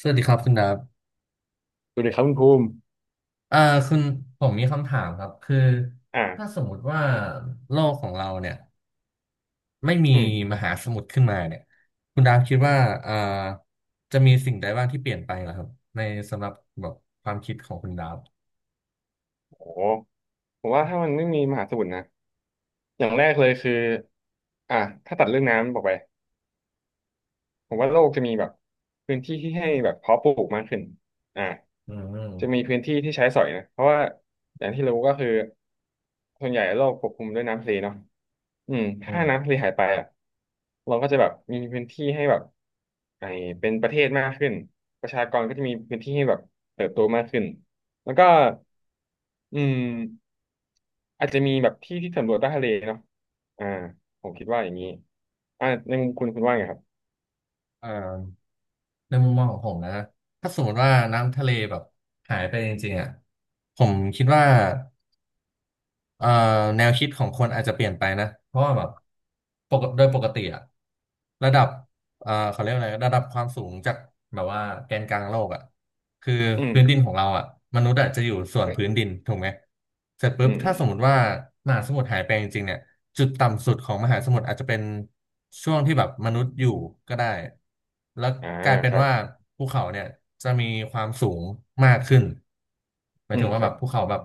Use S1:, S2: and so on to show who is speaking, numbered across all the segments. S1: สวัสดีครับคุณดาบ
S2: ดูดีครับคุณภูมิ
S1: เอ่อคุณผมมีคำถามครับคือ
S2: อ่า
S1: ถ้าสมมติว่าโลกของเราเนี่ยไม่มี
S2: อืม
S1: มหาสมุทรขึ้นมาเนี่ยคุณดาบคิดว่าเอ่อจะมีสิ่งใดบ้างที่เปลี่ยนไปเหรอครับในสำหรับแบบความคิดของคุณดาบ
S2: โหผมว่าถ้ามันไม่มีมหาสมุทรนะอย่างแรกเลยคืออ่าถ้าตัดเรื่องน้ำบอกไปผมว่าโลกจะมีแบบพื้นที่ที่ให้แบบเพาะปลูกมากขึ้นอ่า
S1: อืมอืม
S2: จะมีพื้นที่ที่ใช้สอยนะเพราะว่าอย่างที่รู้ก็คือส่วนใหญ่โลกปกคลุมด้วยน้ำทะเลเนาะ
S1: อื
S2: ถ้า
S1: ม
S2: น้ำทะเลหายไปอ่ะเราก็จะแบบมีพื้นที่ให้แบบไอเป็นประเทศมากขึ้นประชากรก็จะมีพื้นที่ให้แบบเติบโตมากขึ้นแล้วก็อืม อาจจะมีแบบที่ที่สำรวจใต้ทะเลเนาะอ่าผมคิดว่าอย่างนี้ในมุมคุณว่าไงครับ
S1: เอ่อในมุมมองของผมนะถ้าสมมติว่าน้ำทะเลแบบหายไปจริงๆอ่ะผมคิดว่า เอ่อแนวคิดของคนอาจจะเปลี่ยนไปนะเพราะว่าแบบปกติโดยปกติอะระดับเขาเรียกว่าอะไรระดับความสูงจากแบบว่าแกนกลางโลกอะคือ
S2: อื
S1: พื้นดิน
S2: ม
S1: ของเราอะมนุษย์อะจะอยู่ส่วน
S2: อ
S1: พื้นดินถูกไหมเสร็จปุ๊
S2: ื
S1: บ
S2: มอื
S1: ถ้า
S2: ม
S1: สมมติว่ามหาสมุทรหายไปจริงๆเนี่ยจุดต่ำสุดของมหาสมุทรอาจจะเป็นช่วงที่แบบมนุษย์อยู่ก็ได้แล้ว
S2: อ่า
S1: กลายเป็
S2: ค
S1: น
S2: รั
S1: ว่า
S2: บ
S1: ภูเขาเนี่ยจะมีความสูงมากขึ้นหมาย
S2: อื
S1: ถึ
S2: ม
S1: งว่า
S2: ค
S1: แบ
S2: รั
S1: บ
S2: บ
S1: ภูเขาแบบ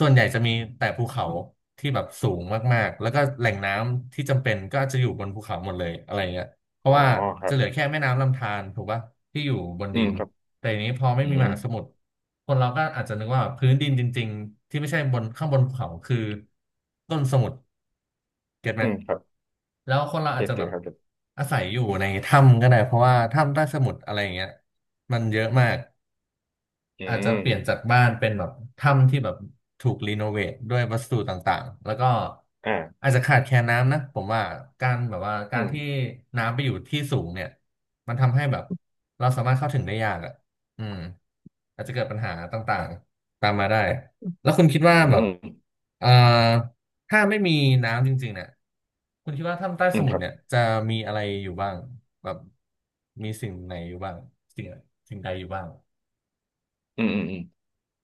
S1: ส่วนใหญ่จะมีแต่ภูเขาที่แบบสูงมากๆแล้วก็แหล่งน้ำที่จำเป็นก็จะอยู่บนภูเขาหมดเลยอะไรเงี้ยเพ
S2: อ๋อ
S1: ราะว่า
S2: ครั
S1: จะ
S2: บ
S1: เหลือแค่แม่น้ำลำธารถูกป่ะที่อยู่บน
S2: อื
S1: ดิ
S2: ม
S1: น
S2: ครับ
S1: แต่ทีนี้พอไม่
S2: อื
S1: มี
S2: ม
S1: มหาสมุทรคนเราก็อาจจะนึกว่าพื้นดินจริงๆที่ไม่ใช่บนข้างบนภูเขาคือต้นสมุทรเก็ตไหม
S2: อืมครับ
S1: แล้วคนเราอา
S2: เก็
S1: จ
S2: ต
S1: จะแบ
S2: เก็ต
S1: บ
S2: ครับเก็ต
S1: อาศัยอยู่ในถ้ำก็ได้เพราะว่าถ้ำใต้สมุทรอะไรอย่างเงี้ยมันเยอะมาก
S2: อื
S1: อาจจะ
S2: ม
S1: เปลี่ยนจากบ้านเป็นแบบถ้ำที่แบบถูกรีโนเวทด้วยวัสดุต่างๆแล้วก็
S2: อ่า
S1: อาจจะขาดแคลนน้ำนะผมว่าการแบบว่า
S2: อื
S1: การที่
S2: ม
S1: น้ำไปอยู่ที่สูงเนี่ยมันทำให้แบบเราสามารถเข้าถึงได้ยากอ่ะอืมอาจจะเกิดปัญหาต่างๆตามมาได้แล้วคุณคิดว่า
S2: อื
S1: แบบ
S2: ม
S1: เอ่อถ้าไม่มีน้ำจริงๆเนี่ยคุณคิดว่าถ้ำใต้
S2: อื
S1: ส
S2: ม
S1: มุ
S2: ค
S1: ทร
S2: รับ
S1: เนี่ยจะมีอะไรอยู่บ้างแบบมีสิ่งไหนอยู่บ้างสิ่งสิ่งใดอยู่บ้าง
S2: อืมอืมอืม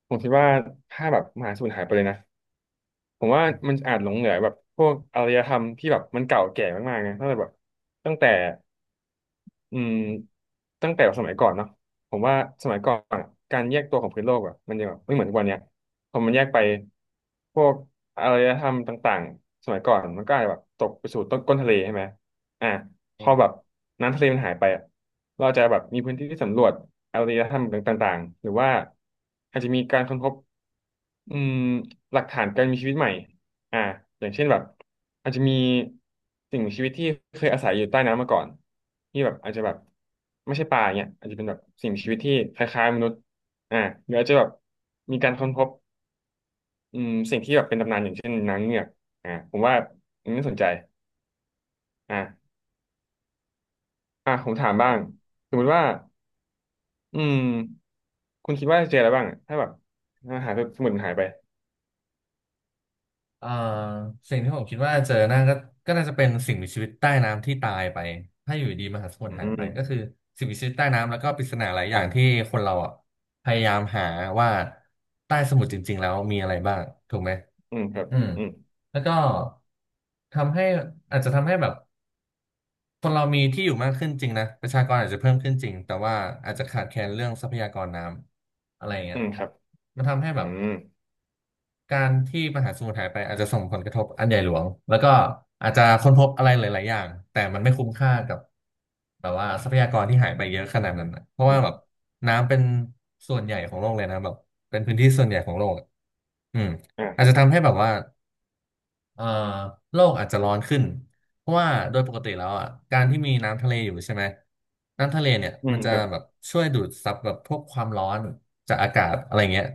S2: ผมคิดว่าถ้าแบบมหาสูญหายไปเลยนะ ผมว่ามันอาจหลงเหลือแบบพวกอารยธรรมที่แบบมันเก่าแก่มากๆนะตั้งแต่แบบตั้งแต่ อืมตั้งแต่สมัยก่อนเนาะผมว่าสมัยก่อนอะการแยกตัวของพื้นโลกอ่ะมันยังแบบไม่เหมือนทุกวันเนี้ยพอมันแยกไปพวกอารยธรรมต่างๆสมัยก่อนมันก็อาจจะแบบตกไปสู่ต้นก้นทะเลใช่ไหมอ่ะพ
S1: อื
S2: อแบ
S1: ม
S2: บน้ำทะเลมันหายไปอ่ะเราจจะแบบมีพื้นที่ที่สำรวจอารยธรรมต่างๆหรือว่าอาจจะมีการค้นพบอืมหลักฐานการมีชีวิตใหม่ อ่าอย่างเช่นแบบอาจจะมีสิ่งมีชีวิตที่เคยอาศัยอยู่ใต้น้ำมาก่อนที่แบบอาจจะแบบไม่ใช่ปลาเนี่ยอาจจะเป็นแบบสิ่งมีชีวิตที่คล้ายๆมนุษย์อ่าหรืออาจจะแบบมีการค้นพบสิ่งที่แบบเป็นตำนานอย่างเช่นนางเงือกผมว่าอันนี้น่าสนใจอ่าผมถามบ้าง
S1: ใช่
S2: สมมติว่าอืมคุณคิดว่าจะเจออะไรบ้างอะถ้าแบบอาหายไปสมุดมันหายไป
S1: เอ่อสิ่งที่ผมคิดว่าเจอหน้าก็น่าจะเป็นสิ่งมีชีวิตใต้น้ำที่ตายไปถ้าอยู่ดีมหาสมุท
S2: อื
S1: รหายไป
S2: ม
S1: ก็คือสิ่งมีชีวิตใต้น้ำแล้วก็ปริศนาหลายอย่างที่คนเราอ่ะพยายามหาว่าใต้สมุทรจริงๆแล้วมีอะไรบ้างถูกไหม
S2: อืมครับ
S1: อืม
S2: อืม
S1: แล้วก็ทำให้อาจจะทำให้แบบคนเรามีที่อยู่มากขึ้นจริงนะประชากรอาจจะเพิ่มขึ้นจริงแต่ว่าอาจจะขาดแคลนเรื่องทรัพยากรน้ำอะไรเงี้
S2: อื
S1: ย
S2: มครับ
S1: มันทำให้
S2: อื
S1: แบบ
S2: ม
S1: การที่มหาสมุทรหายไปอาจจะส่งผลกระทบอันใหญ่หลวงแล้วก็อาจจะค้นพบอะไรหลายๆอย่างแต่มันไม่คุ้มค่ากับแบบว่าทรัพยากรที่หายไปเยอะขนาดนั้นนะเพราะว่าแบบน้ำเป็นส่วนใหญ่ของโลกเลยนะแบบเป็นพื้นที่ส่วนใหญ่ของโลกอะอืม
S2: ค
S1: อาจ
S2: รั
S1: จะ
S2: บ
S1: ทำให้แบบว่า เอ่อโลกอาจจะร้อนขึ้นเพราะว่าโดยปกติแล้วอ่ะการที่มีน้ำทะเลอยู่ใช่ไหมน้ำทะเลเนี่ย
S2: อื
S1: มั
S2: ม
S1: นจะ
S2: ครับ
S1: แบบช่วยดูดซับแบบพวกความร้อนจากอากาศอะไรเงี้ย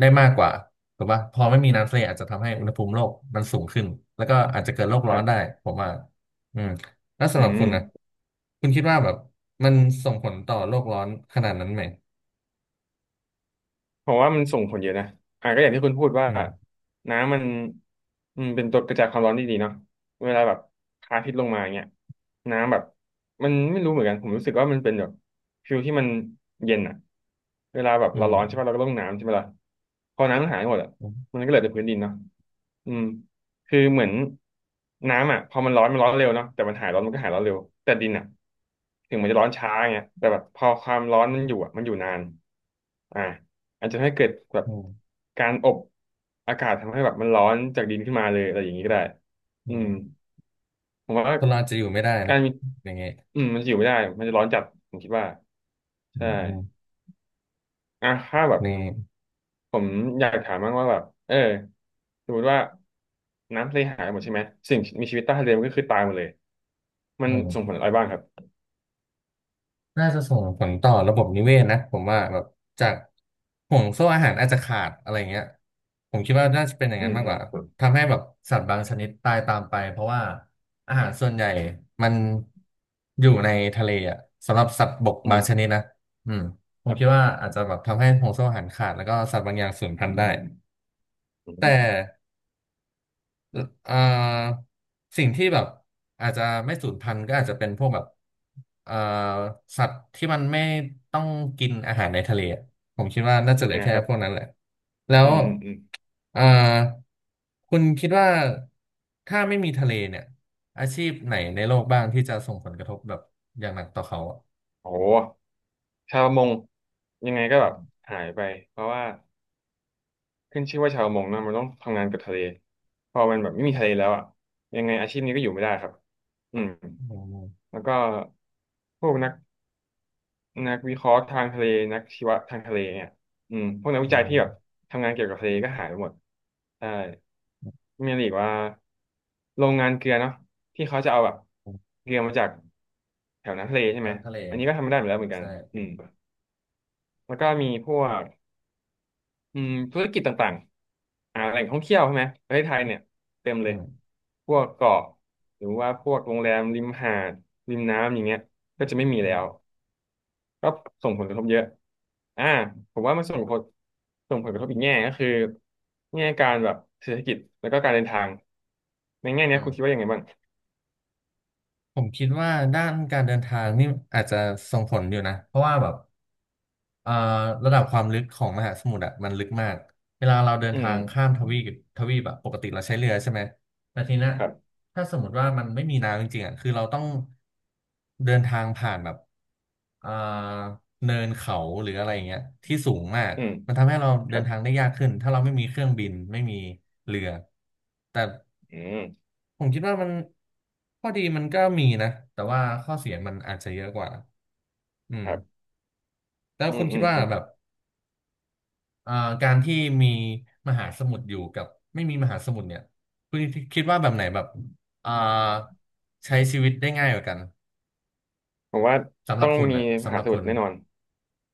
S1: ได้มากกว่าถูกป่ะพอไม่มีน้ำทะเลอาจจะทำให้อุณหภูมิโลกมันสูงขึ้นแล้วก็อาจจะเกิดโลก
S2: ค
S1: ร้อ
S2: รั
S1: นได้
S2: บ
S1: ผมว่าอืมแล้ว
S2: อื
S1: สำหรับคุณนะ
S2: ม
S1: คุณคิดว่าแบบมันส่งผลต่อโลกร้อนขนาดนั้นไหม
S2: ผมว่ามันส่งผลเยอะนะอ่ะก็อย่างที่คุณพูดว่า
S1: อืม
S2: น้ำมันเป็นตัวกระจายความร้อนที่ดีเนาะเวลาแบบพระอาทิตย์ลงมาเงี้ยน้ำแบบมันไม่รู้เหมือนกันผมรู้สึกว่ามันเป็นแบบฟิลที่มันเย็นอ่ะเวลาแบบ
S1: อื
S2: เรา
S1: ม
S2: ร้อนใช่ป่ะเราก็ต้องน้ำใช่ไหมล่ะพอน้ำมันหายหมดอ่ะ
S1: อื
S2: มั
S1: ม
S2: นก็เหลือแต่พื้นดินเนาะอืม คือเหมือนน้ำอ่ะพอมันร้อนมันร้อนเร็วเนาะแต่มันหายร้อนมันก็หายร้อนเร็วแต่ดินอ่ะถึงมันจะร้อนช้าเงี้ยแต่แบบพอความร้อนมันอยู่อ่ะมันอยู่นานอ่าอาจจะให้เกิดแบบ
S1: อืม
S2: การอบอากาศทำให้แบบมันร้อนจากดินขึ้นมาเลยอะไรอย่างนี้ก็ได้
S1: อื
S2: อืม
S1: ม
S2: ผมว่า
S1: คนเราอาจจะอยู่ไม่ได้
S2: กา
S1: นะ
S2: รมี
S1: อย่างเงี้ย
S2: อืมมันจะอยู่ไม่ได้มันจะร้อนจัดผมคิดว่า
S1: อื
S2: ใช่
S1: มอืม
S2: อ่ะถ้าแบบ
S1: นี่
S2: ผมอยากถามบ้างว่าแบบสมมติว่าน้ำทะเลหายหมดใช่ไหมสิ่งมีชีวิตใต้ทะเลมันก็คือตายหมดเลยมั
S1: อื
S2: นส่งผล
S1: ม
S2: อะไรบ้างครับ
S1: น่าจะส่งผลต่อระบบนิเวศนะผมว่าแบบจากห่วงโซ่อาหารอาจจะขาดอะไรเงี้ยผมคิดว่าน่าจะเป็นอย่าง
S2: อื
S1: นั้น
S2: ม
S1: มาก
S2: อื
S1: กว่า
S2: ม
S1: ทำให้แบบสัตว์บางชนิดตายตามไปเพราะว่าอาหารส่วนใหญ่มันอยู่ในทะเลอ่ะสำหรับสัตว์บก
S2: อื
S1: บา
S2: ม
S1: งชนิดนะอืมผ
S2: ค
S1: ม
S2: รั
S1: คิด
S2: บ
S1: ว่าอาจจะแบบทำให้ห่วงโซ่อาหารขาดแล้วก็สัตว์บางอย่างสูญพันธุ์ได้
S2: อื
S1: แต่
S2: ม
S1: อ่าสิ่งที่แบบอาจจะไม่สูญพันธุ์ก็อาจจะเป็นพวกแบบอ่าสัตว์ที่มันไม่ต้องกินอาหารในทะเลอะผมคิดว่าน่าจะเหลือ
S2: นะ
S1: แค่
S2: ครับ
S1: พวกนั้นแหละแล้ว
S2: อืมอืมอืม
S1: อ่าคุณคิดว่าถ้าไม่มีทะเลเนี่ยอาชีพไหนในโลกบ้างที่จะส่งผลกระทบแบบอย่างหนักต่อเขาอะ
S2: โอ้โหชาวประมงยังไงก็
S1: อื
S2: แบบ
S1: ม
S2: หายไปเพราะว่าขึ้นชื่อว่าชาวประมงนะมันต้องทำงานกับทะเลพอมันแบบไม่มีทะเลแล้วอ่ะยังไงอาชีพนี้ก็อยู่ไม่ได้ครับอืม
S1: อืม
S2: แล้วก็พวกนัก นักวิเคราะห์ทางทะเลนักชีวะทางทะเลเนี่ยพวกนักวิ
S1: อื
S2: จัยที่
S1: ม
S2: แบบทำงานเกี่ยวกับทะเลก็หายไปหมดใช่มีอะไรอีกว่าโรงงานเกลือเนาะที่เขาจะเอาแบบเกลือมาจากแถวน้ำทะเลใช่ไหม
S1: น้ำทะเล
S2: อันนี้ก็ทำไม่ได้เหมือนแล้วเหมือนกัน
S1: ใช่
S2: อืมแล้วก็มีพวกธุรกิจต่างๆแหล่งท่องเที่ยวใช่ไหมประเทศไทยเนี่ยเต็มเลย
S1: อ
S2: พวกเกาะหรือว่าพวกโรงแรมริมหาดริมน้ำอย่างเงี้ยก็จะไม่มี
S1: อื
S2: แล้ว
S1: ม
S2: ก็ส่งผลกระทบเยอะอ่าผมว่ามันส่งผลส่งผลกระทบอีกแง่ก็คือแง่การแบบเศรษฐกิจแล้วก็การเดินทางในแง่
S1: อื
S2: เนี้ยคุณคิด
S1: ม
S2: ว่ายังไงบ้าง
S1: ผมคิดว่าด้านการเดินทางนี่อาจจะส่งผลอยู่นะเพราะว่าแบบเอ่อระดับความลึกของมหาสมุทรอะมันลึกมากเวลาเราเดิน
S2: อื
S1: ทางข้าม
S2: ม
S1: ทวีปทวีปอะปกติเราใช้เรือใช่ไหมแต่ทีเนี้ย
S2: ครับ
S1: ถ้าสมมติว่ามันไม่มีน้ำจริงๆอะคือเราต้องเดินทางผ่านแบบเอ่อเนินเขาหรืออะไรอย่างเงี้ยที่สูงมาก
S2: อืม
S1: มันทำให้เรา
S2: ค
S1: เดิ
S2: รั
S1: น
S2: บ
S1: ทางได้ยากขึ้นถ้าเราไม่มีเครื่องบินไม่มีเรือแต่
S2: อืม
S1: ผมคิดว่ามันข้อดีมันก็มีนะแต่ว่าข้อเสียมันอาจจะเยอะกว่าอื
S2: ค
S1: ม
S2: รับ
S1: แล้ว
S2: อื
S1: คุ
S2: ม
S1: ณ
S2: อื
S1: คิด
S2: ม
S1: ว่า
S2: อืม
S1: แบบเอ่อการที่มีมหาสมุทรอยู่กับไม่มีมหาสมุทรเนี่ยคุณคิดว่าแบบไหนแบบเอ่อใช้ชีวิตได้ง่ายกว่ากัน
S2: ผมว่า
S1: สำหรั
S2: ต้อ
S1: บ
S2: ง
S1: คุณ
S2: มี
S1: อ่ะ
S2: ม
S1: สำห
S2: หา
S1: รับ
S2: สมุ
S1: คุ
S2: ท
S1: ณ
S2: รแน่นอน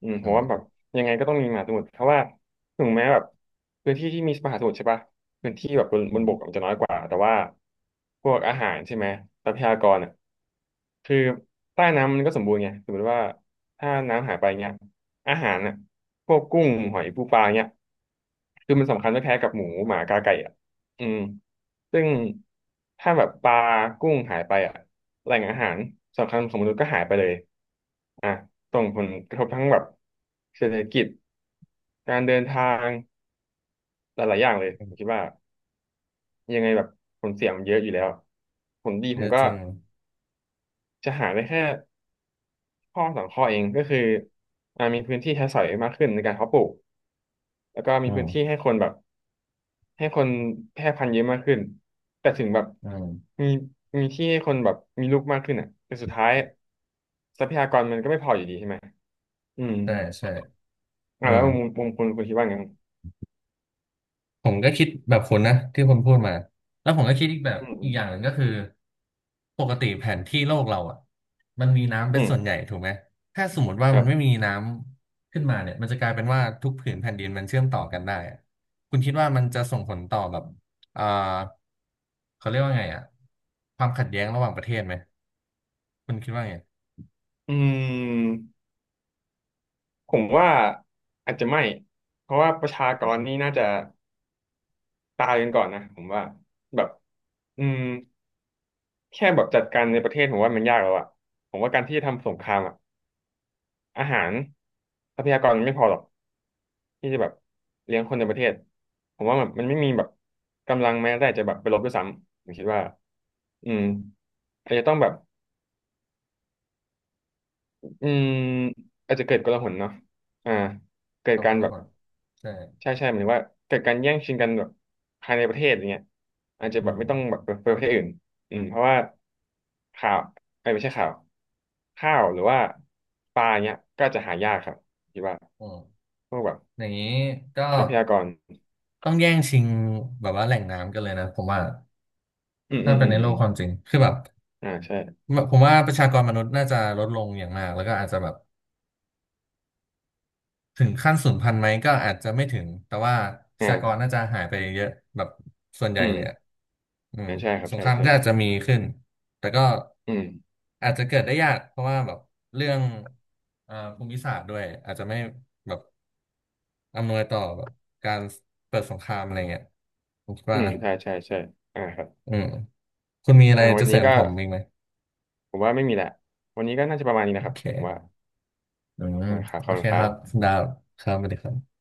S2: ผ
S1: อื
S2: ม
S1: ม
S2: ว่าแบบยังไงก็ต้องมีมหาสมุทรเพราะว่าถึงแม้แบบพื้นที่ที่มีมหาสมุทรใช่ปะ
S1: อื
S2: มันบกมัน
S1: ม
S2: จะน้อยกว่าแต่ว่าพวกอาหารใช่ไหมทรัพยากรอ่ะคือใต้น้ำมันก็สมบูรณ์ไงสมมติว่าถ้าน้ำหายไปเงี้ยอาหารอ่ะพวกกุ้งหอยปูปลาเงี้ยคือมันสำคัญไม่แพ้กับหมูหมากาไก่อ่ะอืมซึ่งถ้าแบบปลากุ้งหายไปอ่ะแหล่งอาหารสำคัญของมนุษย์ก็หายไปเลยอ่ะส่งผลกระทบทั้งแบบเศรษฐกิจการเดินทางหลายๆอย่างเลย
S1: อื
S2: ผม
S1: ม
S2: คิดว่า ยังไงแบบผลเสียมันเยอะอยู่แล้วผลดี
S1: เย
S2: ผม
S1: อะ
S2: ก็
S1: จริง
S2: จะหาได้แค่ข้อสองข้อเองก็คืออ่ามีพื้นที่ใช้สอยมากขึ้นในการเพาะปลูกแล้วก็มี
S1: อื
S2: พื้นที่
S1: ม
S2: ให้คนแบบให้คนแพร่พันธุ์เยอะมากขึ้นแต่ถึงแบบ
S1: อืม
S2: มีมีที่ให้คนแบบมีลูกมากขึ้นอ่ะแต่สุดท้ายทรัพยากรมันก็ไม่พออยู่ดีใช่ไหมอืม
S1: ใช่ใช่
S2: อ่า
S1: อื
S2: แล้
S1: ม
S2: วมุมคุณคิดว่าไงครับ
S1: ผมก็คิดแบบคุณนะที่คุณพูดมาแล้วผมก็คิดอีกแบบ
S2: อืมอื
S1: อีก
S2: ม
S1: อย่างหนึ่งก็คือปกติแผนที่โลกเราอ่ะมันมีน้ำเป็
S2: อื
S1: น
S2: ม
S1: ส่วนใหญ่ถูกไหมถ้าสมมติว่า
S2: ค
S1: มั
S2: รั
S1: นไม่
S2: บ
S1: มีน้ำขึ้นมาเนี่ยมันจะกลายเป็นว่าทุกผืนแผ่นดินมันเชื่อมต่อกันได้อะคุณคิดว่ามันจะส่งผลต่อแบบอ่าเขาเรียกว่าไงอ่ะความขัดแย้งระหว่างประเทศไหมคุณคิดว่าไง
S2: อืม ผมว่าอาจจะไม่ เพราะว่าประชากรนี่น่าจะตายกันก่อนนะผมว่าแบบอืมแค่แบบจัดการในประเทศผมว่ามันยากแล้วอะผมว่าการที่จะทำสงครามอะอาหารทรัพยากรมันไม่พอหรอกที่จะแบบเลี้ยงคนในประเทศผมว่าแบบมันไม่มีแบบกำลังแม้แต่จะแบบไปรบด้วยซ้ำผมคิดว่าอืมอาจจะต้องแบบอืมอาจจะเกิดกลหนเนาะอ่าเกิ
S1: ค
S2: ด
S1: วาม
S2: กา
S1: กั
S2: ร
S1: ง
S2: แบบ
S1: วลใช่
S2: ใช่ใช่หมายถึงว่าเกิดการแย่งชิงกันแบบภายในประเทศอย่างเงี้ยอาจจะ
S1: อื
S2: แบบ
S1: ม
S2: ไม่ต้องแบบไปประเทศอื่นอืมเพราะว่าข่าวเอ้ยไม่ใช่ข่าวข้าวหรือว่าปลาเนี้ยก็จะหายากครับคิดว่า
S1: อืม
S2: พวกแบบ
S1: อย่างนี้ก็
S2: ทรัพยากร
S1: ต้องแย่งชิงแบบว่าแหล่งน้ำกันเลยนะผมว่า
S2: อืมอื
S1: ถ้า
S2: ม
S1: เป็
S2: อื
S1: น
S2: ม
S1: ใน
S2: อื
S1: โล
S2: ม
S1: กความจริงคือแบบ
S2: อ่าใช่
S1: ผมว่าประชากรมนุษย์น่าจะลดลงอย่างมากแล้วก็อาจจะแบบถึงขั้นสูญพันธุ์ไหมก็อาจจะไม่ถึงแต่ว่าประชากร
S2: อ่า
S1: น่าจะหายไปเยอะแบบส่วนใหญ่
S2: อื
S1: เล
S2: ม
S1: ยอะอืม
S2: อ่าใช่ครับ
S1: สงค
S2: ใช่
S1: ราม
S2: ใช่
S1: ก็อาจจะมีขึ้นแต่ก็
S2: อืม
S1: อาจจะเกิดได้ยากเพราะว่าแบบเรื่องภูมิศาสตร์ด้วยอาจจะไม่แบบอำนวยต่อแบบการเปิดสงครามอะไรเงี้ยผมคิด
S2: อื
S1: ว่า
S2: ม
S1: นะ
S2: ใช่ใช่ใช่อ่าครับ
S1: อืมคุณมีอะไร
S2: อ่าวั
S1: จะ
S2: น
S1: เส
S2: นี้
S1: ริม
S2: ก็
S1: ผมอีกไหม
S2: ผมว่าไม่มีแหละวันนี้ก็น่าจะประมาณนี้
S1: โอ
S2: นะครับ
S1: เค
S2: ผมว่า
S1: อืม
S2: อ่าครับ
S1: โอ
S2: ขอบ
S1: เค
S2: คุณค
S1: ค
S2: รั
S1: รั
S2: บ
S1: บคุณดาวครับสวัสดีครับ